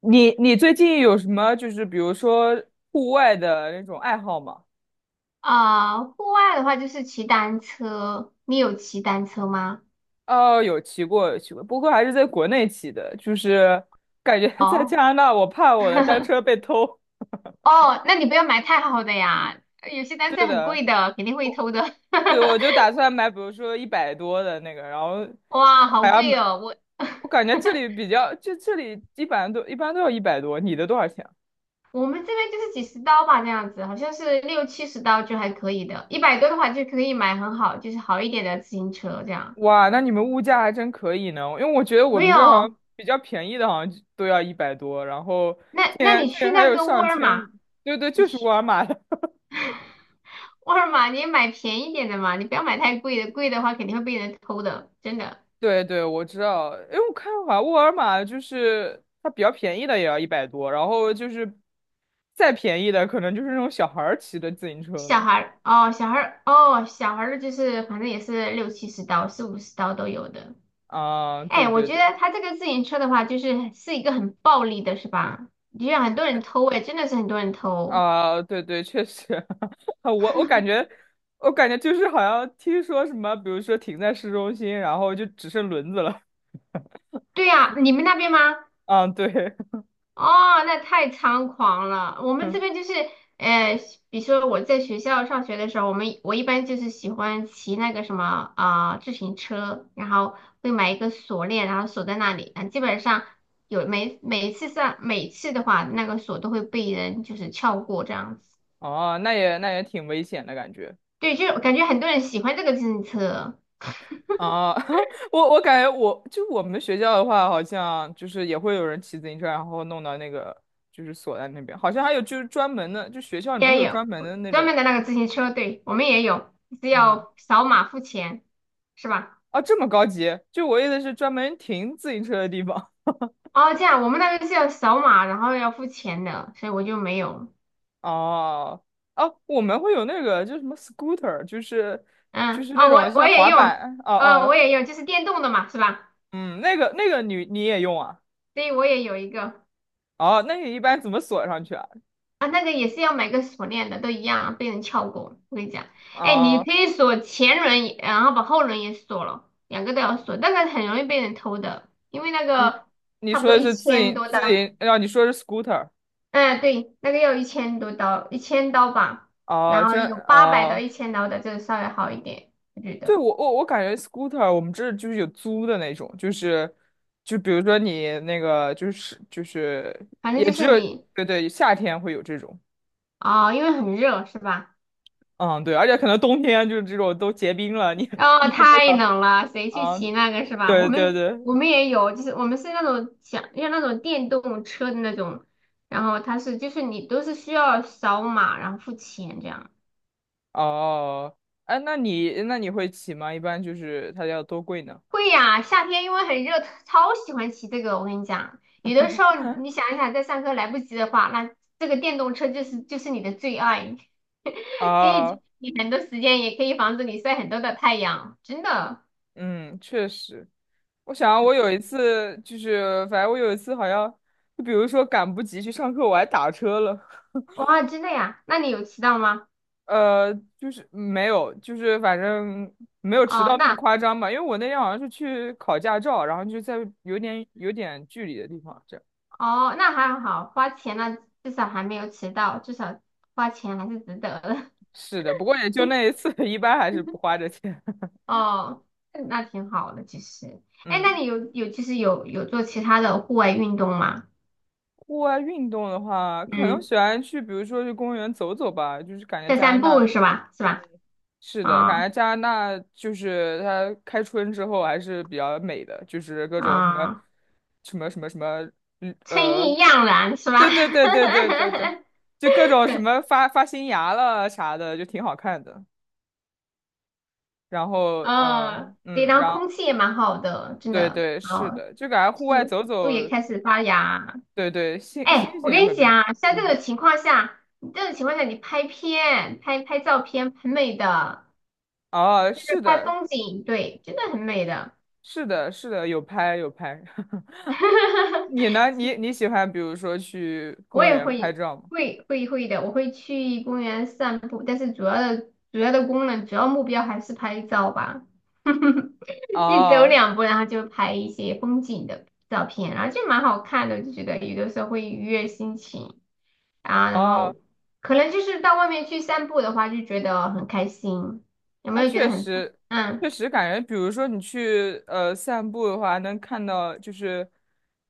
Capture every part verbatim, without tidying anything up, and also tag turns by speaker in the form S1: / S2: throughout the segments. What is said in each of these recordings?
S1: 你你最近有什么就是比如说户外的那种爱好吗？
S2: 啊、户外的话就是骑单车，你有骑单车吗？
S1: 哦，有骑过，有骑过，不过还是在国内骑的，就是感觉 在加
S2: 哦，
S1: 拿大，我怕我的单 车被偷。
S2: 哦，那你不要买太好的呀，有些单
S1: 是
S2: 车很贵
S1: 的，
S2: 的，肯定会偷的。
S1: 对，我就打 算买，比如说一百多的那个，然后
S2: 哇，好
S1: 还要
S2: 贵
S1: 买。
S2: 哦，我
S1: 我感 觉这里比较，就这里一般都一般都要一百多，你的多少钱啊？
S2: 我们这边就是几十刀吧，这样子，好像是六七十刀就还可以的，一百多的话就可以买很好，就是好一点的自行车这样。
S1: 哇，那你们物价还真可以呢，因为我觉得我
S2: 没
S1: 们这好像
S2: 有，
S1: 比较便宜的，好像就都要一百多，然后
S2: 那
S1: 竟
S2: 那
S1: 然
S2: 你
S1: 竟
S2: 去
S1: 然还
S2: 那
S1: 有
S2: 个沃
S1: 上
S2: 尔
S1: 千，
S2: 玛，
S1: 对对，
S2: 你
S1: 就是沃
S2: 去
S1: 尔玛的，
S2: 沃尔玛你也买便宜点的嘛，你不要买太贵的，贵的话肯定会被人偷的，真的。
S1: 对对，我知道，因为我看好像沃尔玛就是它比较便宜的也要一百多，然后就是再便宜的可能就是那种小孩儿骑的自行车
S2: 小
S1: 了
S2: 孩儿哦，小孩儿哦，小孩儿的就是反正也是六七十刀、四五十刀都有的。
S1: 啊，对
S2: 哎，我
S1: 对
S2: 觉
S1: 对
S2: 得他这个自行车的话，就是是一个很暴利的，是吧？就像很多人偷，哎，真的是很多人偷。
S1: 啊，对对，确实，我我感觉。我感觉就是好像听说什么，比如说停在市中心，然后就只剩轮子了。
S2: 对呀，你们那边吗？
S1: 嗯，对，
S2: 哦，那太猖狂了。我们这边 就是，呃，比如说我在学校上学的时候，我们我一般就是喜欢骑那个什么啊、呃自行车，然后会买一个锁链，然后锁在那里。啊，基本上有每每一次上每次的话，那个锁都会被人就是撬过这样子。
S1: 哦，那也那也挺危险的感觉
S2: 对，就是我感觉很多人喜欢这个自行车，
S1: 啊。我我感觉我就我们学校的话，好像就是也会有人骑自行车，然后弄到那个就是锁在那边，好像还有就是专门的，就学校里面会
S2: 也
S1: 有专
S2: 有
S1: 门的那
S2: 专
S1: 种，
S2: 门的那个自行车，对，我们也有，是
S1: 嗯，
S2: 要扫码付钱，是吧？
S1: 啊，这么高级？就我意思是专门停自行车的地方。
S2: 哦，这样我们那个是要扫码，然后要付钱的，所以我就没有。
S1: 哦，哦，我们会有那个就是什么 scooter，就是就
S2: 嗯，
S1: 是那
S2: 哦，
S1: 种
S2: 我我
S1: 像
S2: 也
S1: 滑
S2: 用，
S1: 板，哦
S2: 呃，我
S1: 哦，
S2: 也用，就是电动的嘛，是吧？
S1: 嗯，那个那个你你也用啊？
S2: 对，我也有一个
S1: 哦，那你一般怎么锁上去啊？
S2: 啊，那个也是要买个锁链的，都一样啊，被人撬过。我跟你讲，哎，你
S1: 啊，
S2: 可以锁前轮也然后把后轮也锁了，两个都要锁，但是很容易被人偷的，因为那
S1: 你
S2: 个
S1: 你
S2: 差不
S1: 说
S2: 多
S1: 的
S2: 一
S1: 是自
S2: 千
S1: 营
S2: 多刀，
S1: 自营，啊，你说的是 scooter
S2: 嗯，对，那个要一千多刀，一千刀吧，
S1: 啊，
S2: 然后
S1: 真
S2: 有八百到
S1: 啊，
S2: 一千刀的，这个稍微好一点，我觉
S1: 对
S2: 得，
S1: 我我我感觉 scooter 我们这儿就是有租的那种，就是就比如说你那个就是就是
S2: 反正
S1: 也
S2: 就
S1: 只
S2: 是
S1: 有
S2: 你。
S1: 对对夏天会有这种，
S2: 哦，因为很热是吧？
S1: 嗯对，而且可能冬天就是这种都结冰了，你
S2: 哦，
S1: 你用不
S2: 太
S1: 了
S2: 冷了，谁去
S1: 啊，
S2: 骑那个是吧？我
S1: 对对
S2: 们
S1: 对，
S2: 我们也有，就是我们是那种想要那种电动车的那种，然后它是就是你都是需要扫码然后付钱这样。
S1: 哦，哎，那你那你会骑吗？一般就是它要多贵呢？
S2: 会呀，夏天因为很热，超喜欢骑这个。我跟你讲，有的时候你想一想，在上课来不及的话，那这个电动车就是就是你的最爱，可以节
S1: 啊，
S2: 省你很多时间，也可以防止你晒很多的太阳，真的，
S1: 嗯，确实。我想我有一次就是，反正我有一次好像，就比如说赶不及去上课，我还打车了。
S2: 哇，真的呀。那你有骑到吗？
S1: 呃，就是没有，就是反正没有迟
S2: 哦，
S1: 到那么
S2: 那。
S1: 夸张吧，因为我那天好像是去考驾照，然后就在有点有点距离的地方这样。
S2: 哦，那还好，花钱了，至少还没有迟到，至少花钱还是值得的。
S1: 是的，不过也就那一次，一般还是不 花这钱。
S2: 哦，那挺好的，其实。哎，那
S1: 嗯，
S2: 你有有其实有有做其他的户外运动吗？
S1: 户外运动的话，可能
S2: 嗯，
S1: 喜欢去，比如说去公园走走吧，就是感觉
S2: 散
S1: 加拿
S2: 散
S1: 大。
S2: 步是吧？是吧？
S1: 是的，感
S2: 啊、
S1: 觉加拿大就是它开春之后还是比较美的，就是各种什么
S2: 啊、
S1: 什么什么什么，嗯
S2: 春
S1: 呃，
S2: 意盎然是
S1: 对
S2: 吧？
S1: 对对对对对对，就各种什么发发新芽了啥的，就挺好看的。然后，
S2: 哦，
S1: 嗯、
S2: 对，
S1: 嗯，
S2: 然后
S1: 然后
S2: 空气也蛮好的，真
S1: 对
S2: 的。
S1: 对是
S2: 哦，
S1: 的，就感觉户外
S2: 树
S1: 走
S2: 树也
S1: 走，
S2: 开始发芽，
S1: 对对，心心
S2: 哎，我
S1: 情也
S2: 跟
S1: 会
S2: 你
S1: 变好。
S2: 讲，啊，像这
S1: 嗯，
S2: 种情况下，这种情况下，你拍片、拍拍照片，很美的，
S1: 哦，
S2: 就是
S1: 是
S2: 拍
S1: 的，
S2: 风景，对，真的很美的。
S1: 是的，是的，有拍有拍。你 呢？你你喜欢比如说去
S2: 我
S1: 公
S2: 也
S1: 园拍
S2: 会
S1: 照吗？
S2: 会会会的，我会去公园散步，但是主要的主要的功能、主要目标还是拍照吧。一走
S1: 哦
S2: 两步，然后就拍一些风景的照片，然后就蛮好看的，我就觉得有的时候会愉悦心情。啊，然后
S1: 哦，
S2: 可能就是到外面去散步的话，就觉得很开心，有没
S1: 啊，
S2: 有觉得
S1: 确
S2: 很？
S1: 实，确
S2: 嗯
S1: 实感觉，比如说你去呃散步的话，能看到就是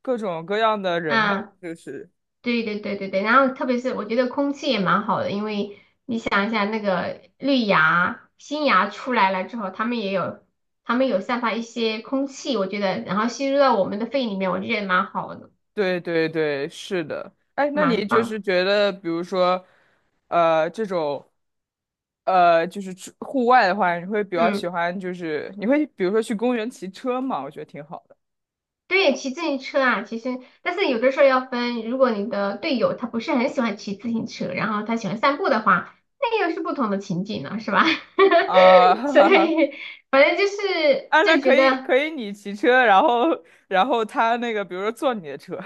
S1: 各种各样的人吧，
S2: 嗯，
S1: 就是，
S2: 对对对对对。然后特别是我觉得空气也蛮好的，因为你想一下那个绿芽、新芽出来了之后，它们也有，它们有散发一些空气，我觉得，然后吸入到我们的肺里面，我就觉得蛮好的，
S1: 对对对，是的。哎，那
S2: 蛮
S1: 你就是
S2: 棒。
S1: 觉得，比如说，呃，这种，呃，就是出户外的话，你会比较喜
S2: 嗯。
S1: 欢，就是你会比如说去公园骑车嘛？我觉得挺好的
S2: 对，骑自行车啊，其实，但是有的时候要分，如果你的队友他不是很喜欢骑自行车，然后他喜欢散步的话，那又是不同的情景了，是吧？
S1: 啊，哈
S2: 所
S1: 哈哈。
S2: 以反正就是
S1: 啊，那
S2: 就
S1: 可
S2: 觉
S1: 以
S2: 得
S1: 可以，你骑车，然后然后他那个，比如说坐你的车。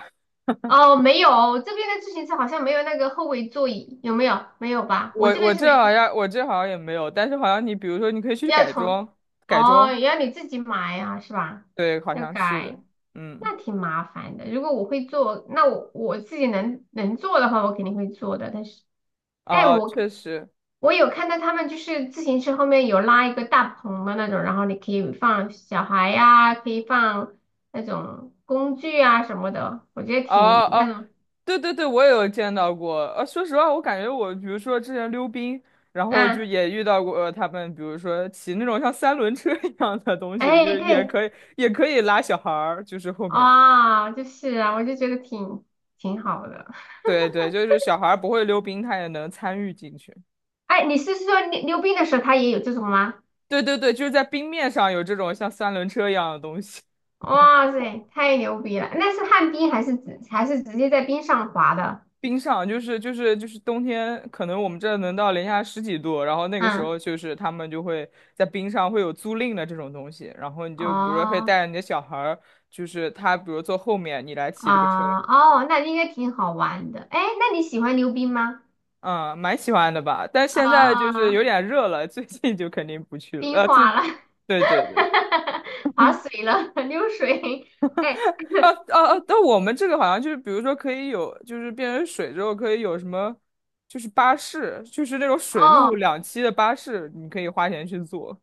S2: 哦，没有这边的自行车好像没有那个后尾座椅，有没有？没有吧？我这
S1: 我我
S2: 边是
S1: 这好
S2: 没。
S1: 像我这好像也没有，但是好像你比如说你可以去
S2: 要
S1: 改
S2: 从，
S1: 装，改
S2: 哦，
S1: 装，
S2: 要你自己买呀，是吧？
S1: 对，好
S2: 要
S1: 像是
S2: 改，
S1: 的，嗯，
S2: 那挺麻烦的。如果我会做，那我我自己能能做的话，我肯定会做的。但是，哎，
S1: 啊，
S2: 我
S1: 确实，
S2: 我有看到他们就是自行车后面有拉一个大棚的那种，然后你可以放小孩呀、可以放那种工具啊什么的，我觉得挺
S1: 啊
S2: 那
S1: 啊，
S2: 种，
S1: 对对对，我也有见到过。呃、说实话，我感觉我比如说之前溜冰，然后
S2: 嗯，
S1: 就
S2: 啊
S1: 也遇到过呃他们，比如说骑那种像三轮车一样的东西，就
S2: 哎，
S1: 是也
S2: 对，
S1: 可以也可以拉小孩儿，就是后面，
S2: 啊、就是啊，我就觉得挺挺好的。
S1: 对对，就是小孩儿不会溜冰，他也能参与进去。
S2: 哎，你是说溜溜冰的时候他也有这种吗？
S1: 对对对，就是在冰面上有这种像三轮车一样的东西。
S2: 哇塞，太牛逼了！那是旱冰还是直还是直接在冰上滑的？
S1: 冰上就是就是就是冬天，可能我们这能到零下十几度，然后那个时
S2: 嗯，
S1: 候就是他们就会在冰上会有租赁的这种东西，然后你就比如说可以带
S2: 哦
S1: 着你的小孩儿，就是他比如坐后面，你来骑这个车，
S2: 啊哦，那应该挺好玩的。哎，那你喜欢溜冰吗？
S1: 嗯，蛮喜欢的吧？但现在就是
S2: 啊，
S1: 有点热了，最近就肯定不去了，
S2: 冰
S1: 呃，最。
S2: 化了，
S1: 对对对，
S2: 滑
S1: 嗯，
S2: 水了，溜水。哎，
S1: 啊啊啊！但我们这个好像就是，比如说可以有，就是变成水之后可以有什么，就是巴士，就是那种水陆
S2: 哦
S1: 两栖的巴士，你可以花钱去坐。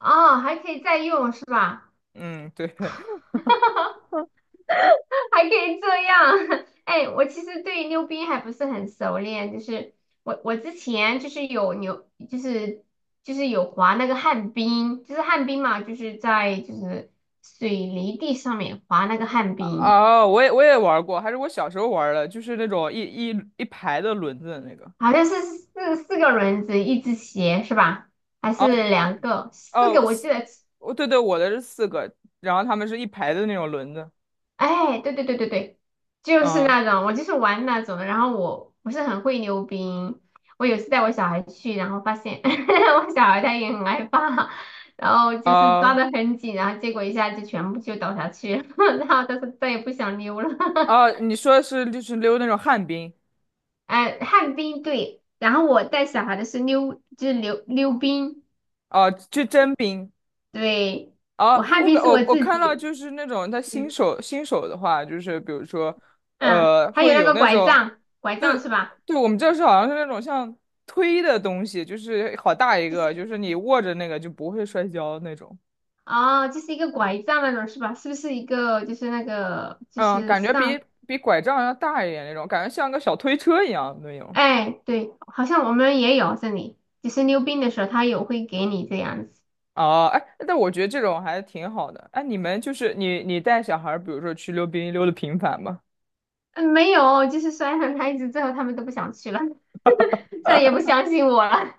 S2: 哦，还可以再用是吧？
S1: 嗯，对，
S2: 哈哈。还可以这样？哎，我其实对溜冰还不是很熟练，就是我我之前就是有牛，就是就是有滑那个旱冰，就是旱冰嘛，就是在就是水泥地上面滑那个旱冰，
S1: 哦，我也我也玩过，还是我小时候玩的，就是那种一一一排的轮子的那个。
S2: 好像是四四个轮子，一只鞋是吧？还是
S1: 哦
S2: 两个？四个
S1: 哦，
S2: 我
S1: 四，
S2: 记得
S1: 哦对对，我的是四个，然后他们是一排的那种轮子。
S2: 哎，对对对对对，就是
S1: 嗯，
S2: 那种，我就是玩那种的。然后我不是很会溜冰，我有次带我小孩去，然后发现 我小孩他也很害怕，然后就是抓
S1: 啊
S2: 得很紧，然后结果一下就全部就倒下去了，然后他说再也不想溜了。
S1: 啊，你说的是就是溜那种旱冰，
S2: 哎，旱冰对，然后我带小孩的是溜，就是溜溜冰，
S1: 哦、就真冰。
S2: 对，
S1: 啊，
S2: 我旱
S1: 我
S2: 冰
S1: 感
S2: 是
S1: 我
S2: 我
S1: 我
S2: 自
S1: 看到
S2: 己，
S1: 就是那种他新
S2: 嗯
S1: 手新手的话，就是比如说，
S2: 嗯，
S1: 呃，
S2: 还有
S1: 会
S2: 那
S1: 有
S2: 个
S1: 那
S2: 拐
S1: 种。
S2: 杖，拐杖
S1: 对，
S2: 是吧？
S1: 对，我们这是好像是那种像推的东西，就是好大一
S2: 就
S1: 个，就
S2: 是。
S1: 是你握着那个就不会摔跤那种。
S2: 哦，就是一个拐杖那种是吧？是不是一个就是那个就
S1: 嗯，
S2: 是
S1: 感觉
S2: 上？
S1: 比比拐杖要大一点那种，感觉像个小推车一样那种。
S2: 哎，对，好像我们也有这里，就是溜冰的时候他有会给你这样子。
S1: 哦，哎，但我觉得这种还挺好的。哎，你们就是你你带小孩儿比如说去溜冰溜的频繁吗？
S2: 嗯，没有，就是摔了他一直之后，他们都不想去了，再也不相信我了。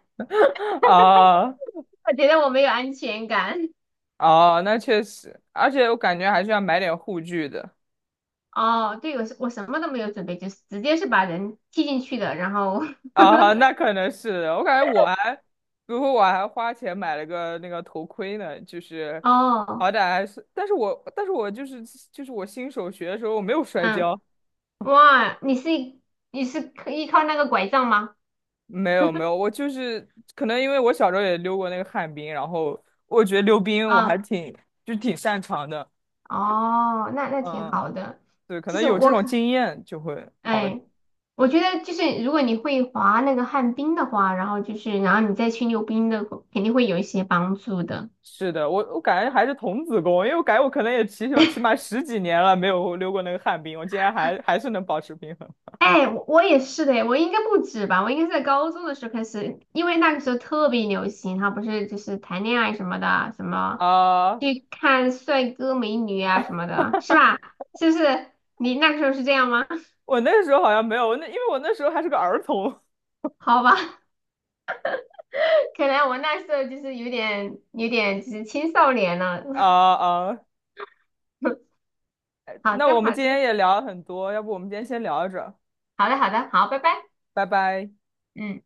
S1: 啊
S2: 我觉得我没有安全感。
S1: 哦，那确实，而且我感觉还是要买点护具的。
S2: 哦，对，我是我什么都没有准备，就是直接是把人踢进去的。然后
S1: 啊，那可能是我感觉我还，比如说我还花钱买了个那个头盔呢，就是
S2: 哦，
S1: 好歹还是，但是我但是我就是就是我新手学的时候我没有摔
S2: 嗯，
S1: 跤，
S2: 哇，你是你是依靠那个拐杖吗？
S1: 没有没有，我就是可能因为我小时候也溜过那个旱冰，然后我觉得溜冰我还
S2: 啊、
S1: 挺就挺擅长的，
S2: 哦，那那挺
S1: 嗯嗯，
S2: 好的。
S1: 对，可
S2: 其
S1: 能
S2: 实
S1: 有这
S2: 我
S1: 种
S2: 可，
S1: 经验就会好一点。
S2: 哎，我觉得就是如果你会滑那个旱冰的话，然后就是然后你再去溜冰的，肯定会有一些帮助的。
S1: 是的，我我感觉还是童子功，因为我感觉我可能也起码起码十几年了没有溜过那个旱冰，我竟然还还是能保持平衡。
S2: 哎，我我也是的，我应该不止吧，我应该是在高中的时候开始，因为那个时候特别流行，他不是就是谈恋爱什么的，什么
S1: 啊，
S2: 去看帅哥美女啊什么的，是吧？是不是？你那个时候是这样吗？
S1: 我那时候好像没有，那因为我那时候还是个儿童。
S2: 好吧。可能我那时候就是有点有点就是青少年了。
S1: 啊啊，
S2: 好
S1: 那
S2: 的，
S1: 我们
S2: 好的，
S1: 今天也聊了很多，要不我们今天先聊着，
S2: 好的，好的，好，拜拜，
S1: 拜拜。
S2: 嗯。